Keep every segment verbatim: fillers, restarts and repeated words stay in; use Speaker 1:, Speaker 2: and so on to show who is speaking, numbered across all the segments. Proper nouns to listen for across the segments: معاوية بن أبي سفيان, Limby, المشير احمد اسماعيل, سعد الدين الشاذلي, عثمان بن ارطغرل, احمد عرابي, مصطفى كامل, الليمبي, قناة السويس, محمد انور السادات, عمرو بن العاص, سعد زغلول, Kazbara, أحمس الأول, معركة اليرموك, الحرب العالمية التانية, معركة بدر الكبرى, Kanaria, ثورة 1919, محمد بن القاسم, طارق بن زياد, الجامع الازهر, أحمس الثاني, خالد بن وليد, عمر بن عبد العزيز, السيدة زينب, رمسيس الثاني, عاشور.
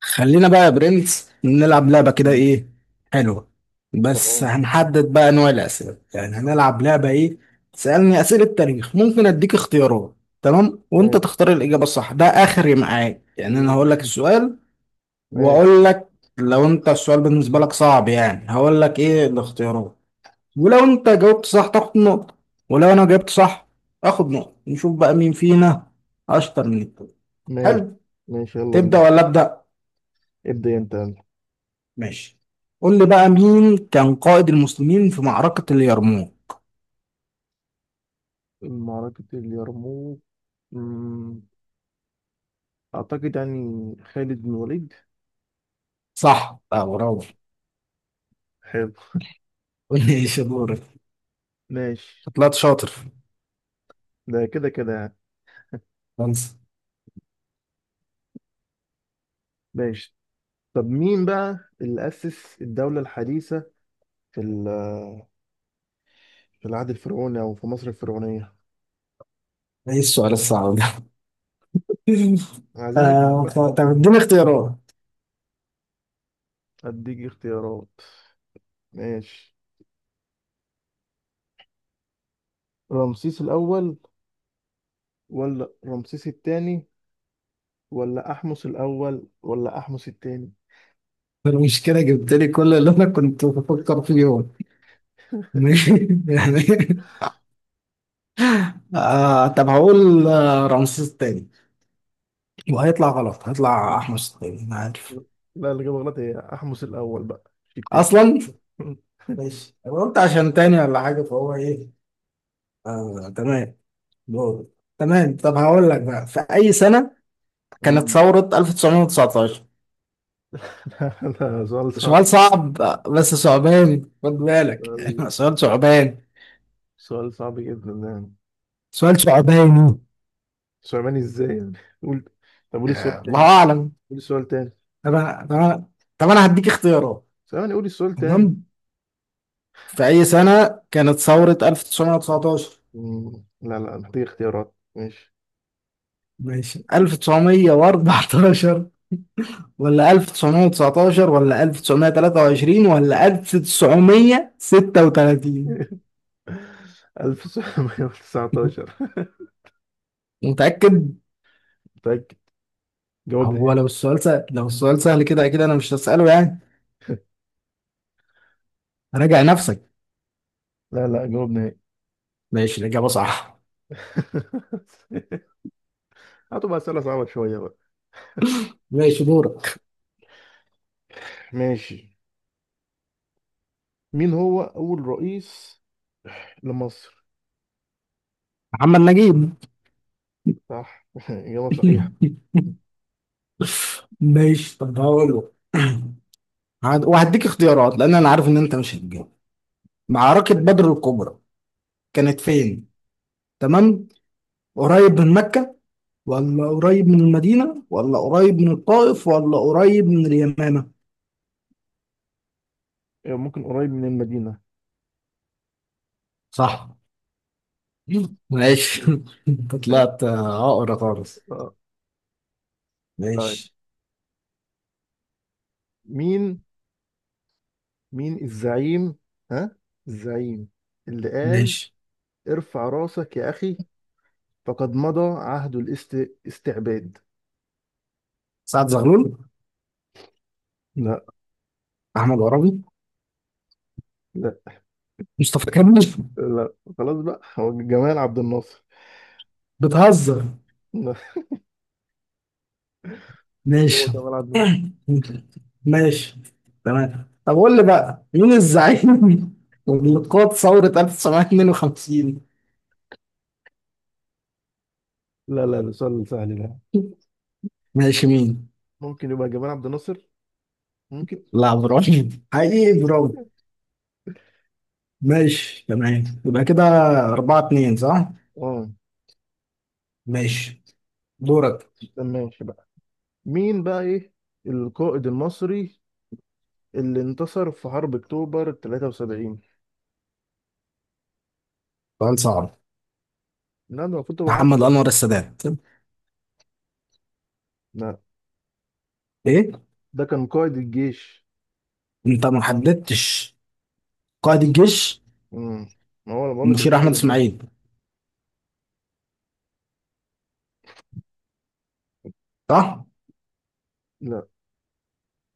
Speaker 1: خلينا بقى يا برنس نلعب لعبة كده،
Speaker 2: مم.
Speaker 1: ايه حلوة. بس
Speaker 2: تمام.
Speaker 1: هنحدد بقى انواع الأسئلة، يعني هنلعب لعبة ايه. تسألني أسئلة تاريخ، ممكن أديك اختيارات. تمام، وانت
Speaker 2: ماشي.
Speaker 1: تختار الإجابة الصح، ده آخري معاك. يعني أنا هقول لك السؤال
Speaker 2: ماشي.
Speaker 1: وأقول لك، لو انت السؤال بالنسبة لك صعب يعني هقول لك ايه الاختيارات، ولو انت جاوبت صح تاخد نقطة، ولو انا جاوبت صح اخد نقطة. نشوف بقى مين فينا أشطر من التاني.
Speaker 2: ماشي.
Speaker 1: حلو.
Speaker 2: ماشي. يلا
Speaker 1: تبدأ
Speaker 2: بينا.
Speaker 1: ولا أبدأ؟
Speaker 2: ابدأ انت.
Speaker 1: ماشي. قول لي بقى، مين كان قائد المسلمين في معركة اليرموك؟
Speaker 2: يلا، معركة اليرموك. مم، أعتقد يعني خالد بن وليد
Speaker 1: صح بقى، برافو.
Speaker 2: حلو.
Speaker 1: قول لي ايش دورك.
Speaker 2: ماشي.
Speaker 1: طلعت شاطر.
Speaker 2: ده كده كده يعني.
Speaker 1: خلاص.
Speaker 2: ماشي. طب مين بقى اللي أسس الدولة الحديثة في ال- في العهد الفرعوني، أو في مصر الفرعونية؟
Speaker 1: ايه السؤال الصعب ده؟
Speaker 2: عايزين نكسب
Speaker 1: آه،
Speaker 2: بقى.
Speaker 1: طب طب اديني اختيارات.
Speaker 2: أديك اختيارات. ماشي. رمسيس الأول، ولا رمسيس الثاني، ولا أحمس الأول، ولا أحمس الثاني؟
Speaker 1: المشكلة جبت لي كل اللي انا كنت بفكر فيهم. ماشي. يعني آه، طب هقول، آه، رمسيس التاني. وهيطلع غلط، هيطلع احمس التاني، انا عارف
Speaker 2: لا، اللي جاب غلط هي احمس الاول بقى، مش التاني.
Speaker 1: اصلا. ماشي، أنا قلت عشان تاني ولا حاجة، فهو ايه؟ آه تمام، دول. تمام، طب هقول لك بقى، في أي سنة كانت
Speaker 2: أمم.
Speaker 1: ثورة ألف وتسعمئة وتسعة عشر؟
Speaker 2: لا لا، سؤال صعب
Speaker 1: سؤال
Speaker 2: جدا.
Speaker 1: صعب، بس صعباني خد بالك يعني. سؤال صعبان،
Speaker 2: سؤال صعب جدا يعني.
Speaker 1: سؤال صعباني.
Speaker 2: سليماني ازاي يعني؟ قول. طب قول
Speaker 1: يا
Speaker 2: السؤال تاني.
Speaker 1: الله أعلم.
Speaker 2: قول السؤال تاني.
Speaker 1: طب أنا طب أنا طب أنا هديك اختيارات.
Speaker 2: سليماني، قول السؤال تاني.
Speaker 1: تمام، في أي سنة كانت ثورة ألف وتسعمئة وتسعة عشر؟
Speaker 2: أمم. لا لا، محتاج اختيارات. ماشي.
Speaker 1: ماشي، ألف وتسعمية واربعتاشر ولا ألف وتسعمئة وتسعة عشر ولا ألف وتسعمية وتلاتة وعشرين ولا ألف وتسعمية وستة وتلاتين؟
Speaker 2: ألف وتسعمية وتسعتاشر.
Speaker 1: متأكد؟
Speaker 2: متأكد. جاوبني.
Speaker 1: هو لو السؤال سهل، لو السؤال سهل كده اكيد انا مش هسأله يعني، راجع نفسك.
Speaker 2: لا لا، جاوبني.
Speaker 1: ماشي، الإجابة صح.
Speaker 2: هاتوا بقى أسئلة صعبة شوية بقى.
Speaker 1: ماشي، دورك.
Speaker 2: ماشي. مين هو أول رئيس لمصر؟
Speaker 1: محمد نجيب.
Speaker 2: صح. إجابة صحيحة.
Speaker 1: ماشي، طب هقول له، هد- وهديك اختيارات لان انا عارف ان انت مش هتجاوب. معركة
Speaker 2: ماشي.
Speaker 1: بدر الكبرى كانت فين؟ تمام، قريب من مكة ولا قريب من المدينة ولا قريب من الطائف ولا قريب من اليمامة؟
Speaker 2: ممكن قريب من المدينة.
Speaker 1: صح. ماشي. انت طلعت، آه، عقرة خالص.
Speaker 2: آه، طيب.
Speaker 1: ماشي.
Speaker 2: مين مين الزعيم، ها، الزعيم اللي قال:
Speaker 1: ماشي.
Speaker 2: ارفع راسك يا أخي، فقد مضى عهد الاستعباد؟
Speaker 1: سعد زغلول.
Speaker 2: لا.
Speaker 1: احمد عرابي.
Speaker 2: لا.
Speaker 1: مصطفى كامل.
Speaker 2: لا، خلاص بقى، هو جمال عبد الناصر.
Speaker 1: بتهزر.
Speaker 2: لا. هو
Speaker 1: ماشي.
Speaker 2: جمال عبد الناصر.
Speaker 1: ماشي تمام. طب قول لي بقى، مين الزعيم اللي قاد ثورة ألف وتسعمية اتنين وخمسين؟
Speaker 2: لا لا، ده سؤال سهل ده.
Speaker 1: ماشي، مين؟
Speaker 2: ممكن يبقى جمال عبد الناصر. ممكن.
Speaker 1: لا، ابراهيم حقيقي، برافو. ماشي تمام، يبقى كده أربعة اتنين، صح؟
Speaker 2: اه.
Speaker 1: ماشي، دورك.
Speaker 2: ده ماشي بقى. مين بقى، ايه، القائد المصري اللي انتصر في حرب أكتوبر تلاتة وسبعين؟
Speaker 1: سؤال صعب.
Speaker 2: لا، ده المفروض تبقى
Speaker 1: محمد
Speaker 2: عارفه.
Speaker 1: انور السادات.
Speaker 2: لا.
Speaker 1: ايه؟
Speaker 2: ده كان قائد الجيش.
Speaker 1: انت ما حددتش قائد الجيش.
Speaker 2: امم ما هو أنا بقول لك
Speaker 1: المشير احمد
Speaker 2: القائد المصري.
Speaker 1: اسماعيل، صح؟
Speaker 2: لا.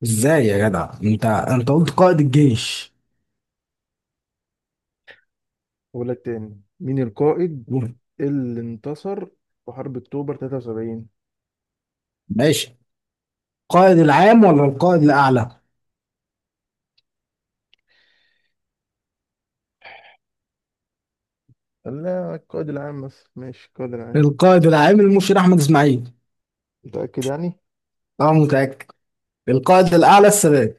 Speaker 1: ازاي يا جدع؟ انت انت قلت قائد الجيش.
Speaker 2: بقول لك تاني، مين القائد اللي انتصر في حرب أكتوبر تلاتة وسبعين؟
Speaker 1: ماشي، القائد العام ولا القائد الأعلى؟
Speaker 2: قال لا، القائد العام، بس ماشي، القائد العام.
Speaker 1: القائد العام المشير أحمد إسماعيل.
Speaker 2: متأكد يعني؟
Speaker 1: أنا متأكد. القائد الأعلى السادات.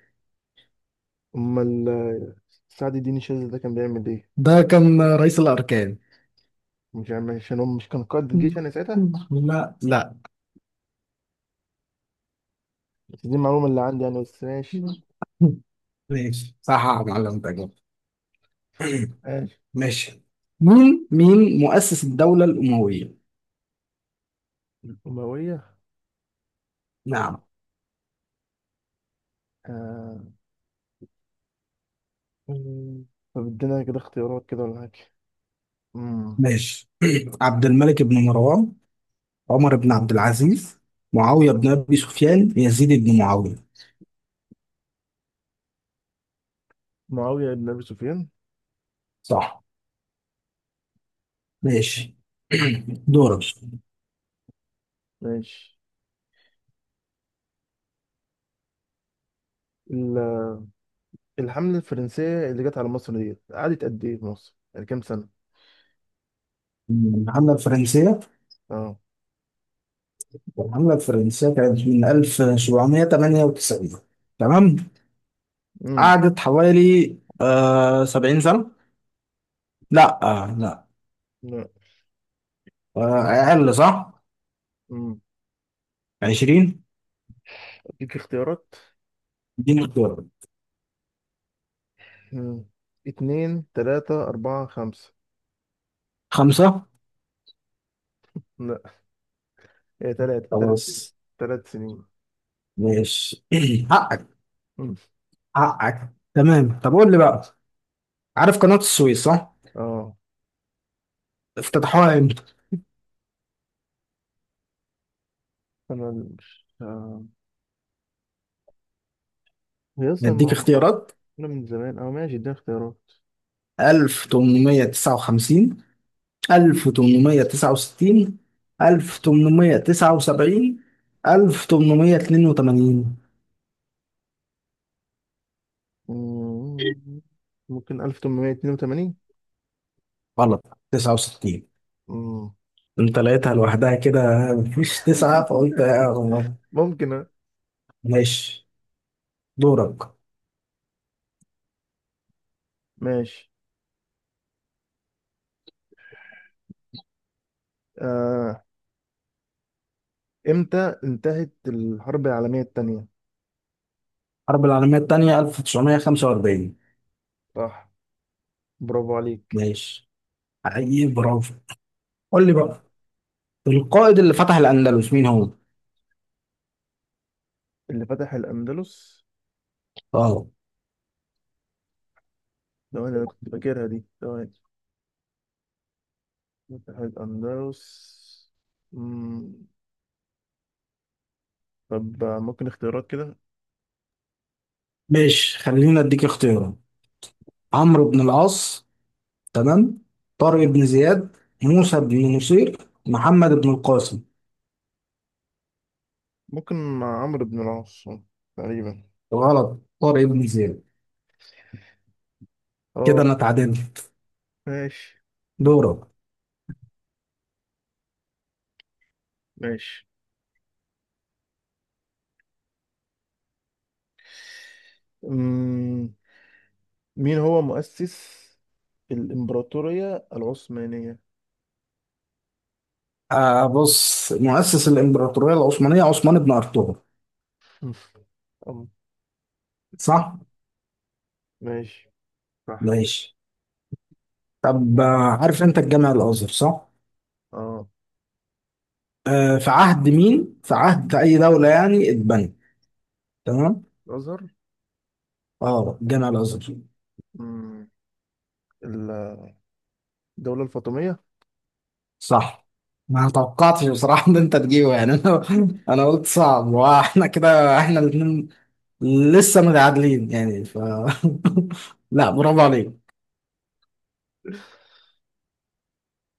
Speaker 2: أمال آه، سعد الدين الشاذلي ده كان بيعمل إيه؟
Speaker 1: ده كان رئيس الأركان.
Speaker 2: مش عارف عشان هو مش كان قائد الجيش يعني ساعتها.
Speaker 1: لا لا.
Speaker 2: بس دي المعلومة اللي عندي يعني، بس ماشي.
Speaker 1: ماشي، صح يا معلم، تجربة.
Speaker 2: ماشي.
Speaker 1: ماشي. مين مين مؤسس الدولة الأموية؟
Speaker 2: الأموية.
Speaker 1: نعم.
Speaker 2: آه. طب ادينا كده اختيارات كده ولا حاجة. مم.
Speaker 1: ماشي. عبد الملك بن مروان، عمر بن عبد العزيز، معاوية بن أبي سفيان، يزيد بن معاوية.
Speaker 2: معاوية بن أبي سفيان.
Speaker 1: صح. ماشي.
Speaker 2: مم.
Speaker 1: دورك.
Speaker 2: ماشي. ال- الحملة الفرنسية اللي جت على مصر ديت قعدت قد إيه في مصر؟ يعني كام سنة؟
Speaker 1: الحملة الفرنسية.
Speaker 2: أه.
Speaker 1: الحملة الفرنسية كانت من ألف وسبعمية وتمنية وتسعين، تمام.
Speaker 2: مم.
Speaker 1: قعدت حوالي، آه، 70 سنة. لا، آه، لا.
Speaker 2: لا.
Speaker 1: آه، أقل، صح.
Speaker 2: مم.
Speaker 1: عشرين.
Speaker 2: أديك اختيارات.
Speaker 1: اديني اختيار.
Speaker 2: مم. اتنين، تلاتة، أربعة، خمسة؟
Speaker 1: خمسة.
Speaker 2: لا. هي تلاتة، تلات
Speaker 1: خلاص.
Speaker 2: تلات سنين.
Speaker 1: ماشي. حقك.
Speaker 2: مم.
Speaker 1: حقك. تمام، طب قول لي بقى، عارف قناة السويس صح؟
Speaker 2: أه،
Speaker 1: افتتحوها امتى؟
Speaker 2: أنا مش آه. هي أصلا
Speaker 1: نديك
Speaker 2: مع- آه.
Speaker 1: اختيارات:
Speaker 2: أنا من زمان. أه ماشي، اديني اختيارات.
Speaker 1: ألف وتمنمية وتسعة وخمسين، ألف وتمنمية وتسعة وستين، ألف وتمنمية وتسعة وسبعين، ألف وتمنمية اتنين وتمانين.
Speaker 2: مم. ممكن ألف وثمانمائة واثنين وثمانين.
Speaker 1: غلط، تسعة وستين.
Speaker 2: مم.
Speaker 1: انت لقيتها لوحدها كده، مفيش تسعة فقلت يا رب.
Speaker 2: ممكن آه.
Speaker 1: ماشي، دورك.
Speaker 2: ماشي. آه، امتى انتهت الحرب العالمية التانية؟
Speaker 1: الحرب العالمية التانية ألف وتسعمية وخمسة وأربعين.
Speaker 2: صح. برافو عليك.
Speaker 1: ماشي، حقيقي برافو. قول لي بقى، القائد اللي فتح الأندلس مين هو؟
Speaker 2: اللي فتح الأندلس.
Speaker 1: اه.
Speaker 2: ثواني، أنا كنت فاكرها دي. ثواني. فتح الأندلس. مم. طب، آه، ممكن اختيارات كده؟
Speaker 1: ماشي، خلينا اديك اختيارات. عمرو بن العاص، تمام، طارق بن زياد، موسى بن نصير، محمد بن القاسم.
Speaker 2: ممكن مع عمرو بن العاص تقريبا.
Speaker 1: غلط، طارق بن زياد. كده
Speaker 2: اه.
Speaker 1: انا اتعادلت.
Speaker 2: ماشي.
Speaker 1: دورك.
Speaker 2: ماشي. مم. مين هو مؤسس الإمبراطورية العثمانية؟
Speaker 1: آه بص، مؤسس الامبراطوريه العثمانيه عثمان بن ارطغرل.
Speaker 2: أم،
Speaker 1: صح.
Speaker 2: ماشي. صح.
Speaker 1: ماشي. طب، آه، عارف انت الجامع الازهر صح؟
Speaker 2: اه،
Speaker 1: آه، في عهد مين، في عهد اي دوله يعني اتبنى؟ تمام.
Speaker 2: الأزهر.
Speaker 1: اه، الجامع الازهر.
Speaker 2: الدولة الفاطمية.
Speaker 1: صح. ما توقعتش بصراحه ان انت تجيبه يعني. انا انا قلت صعب، واحنا كده احنا الاثنين لسه متعادلين يعني، ف لا، برافو عليك.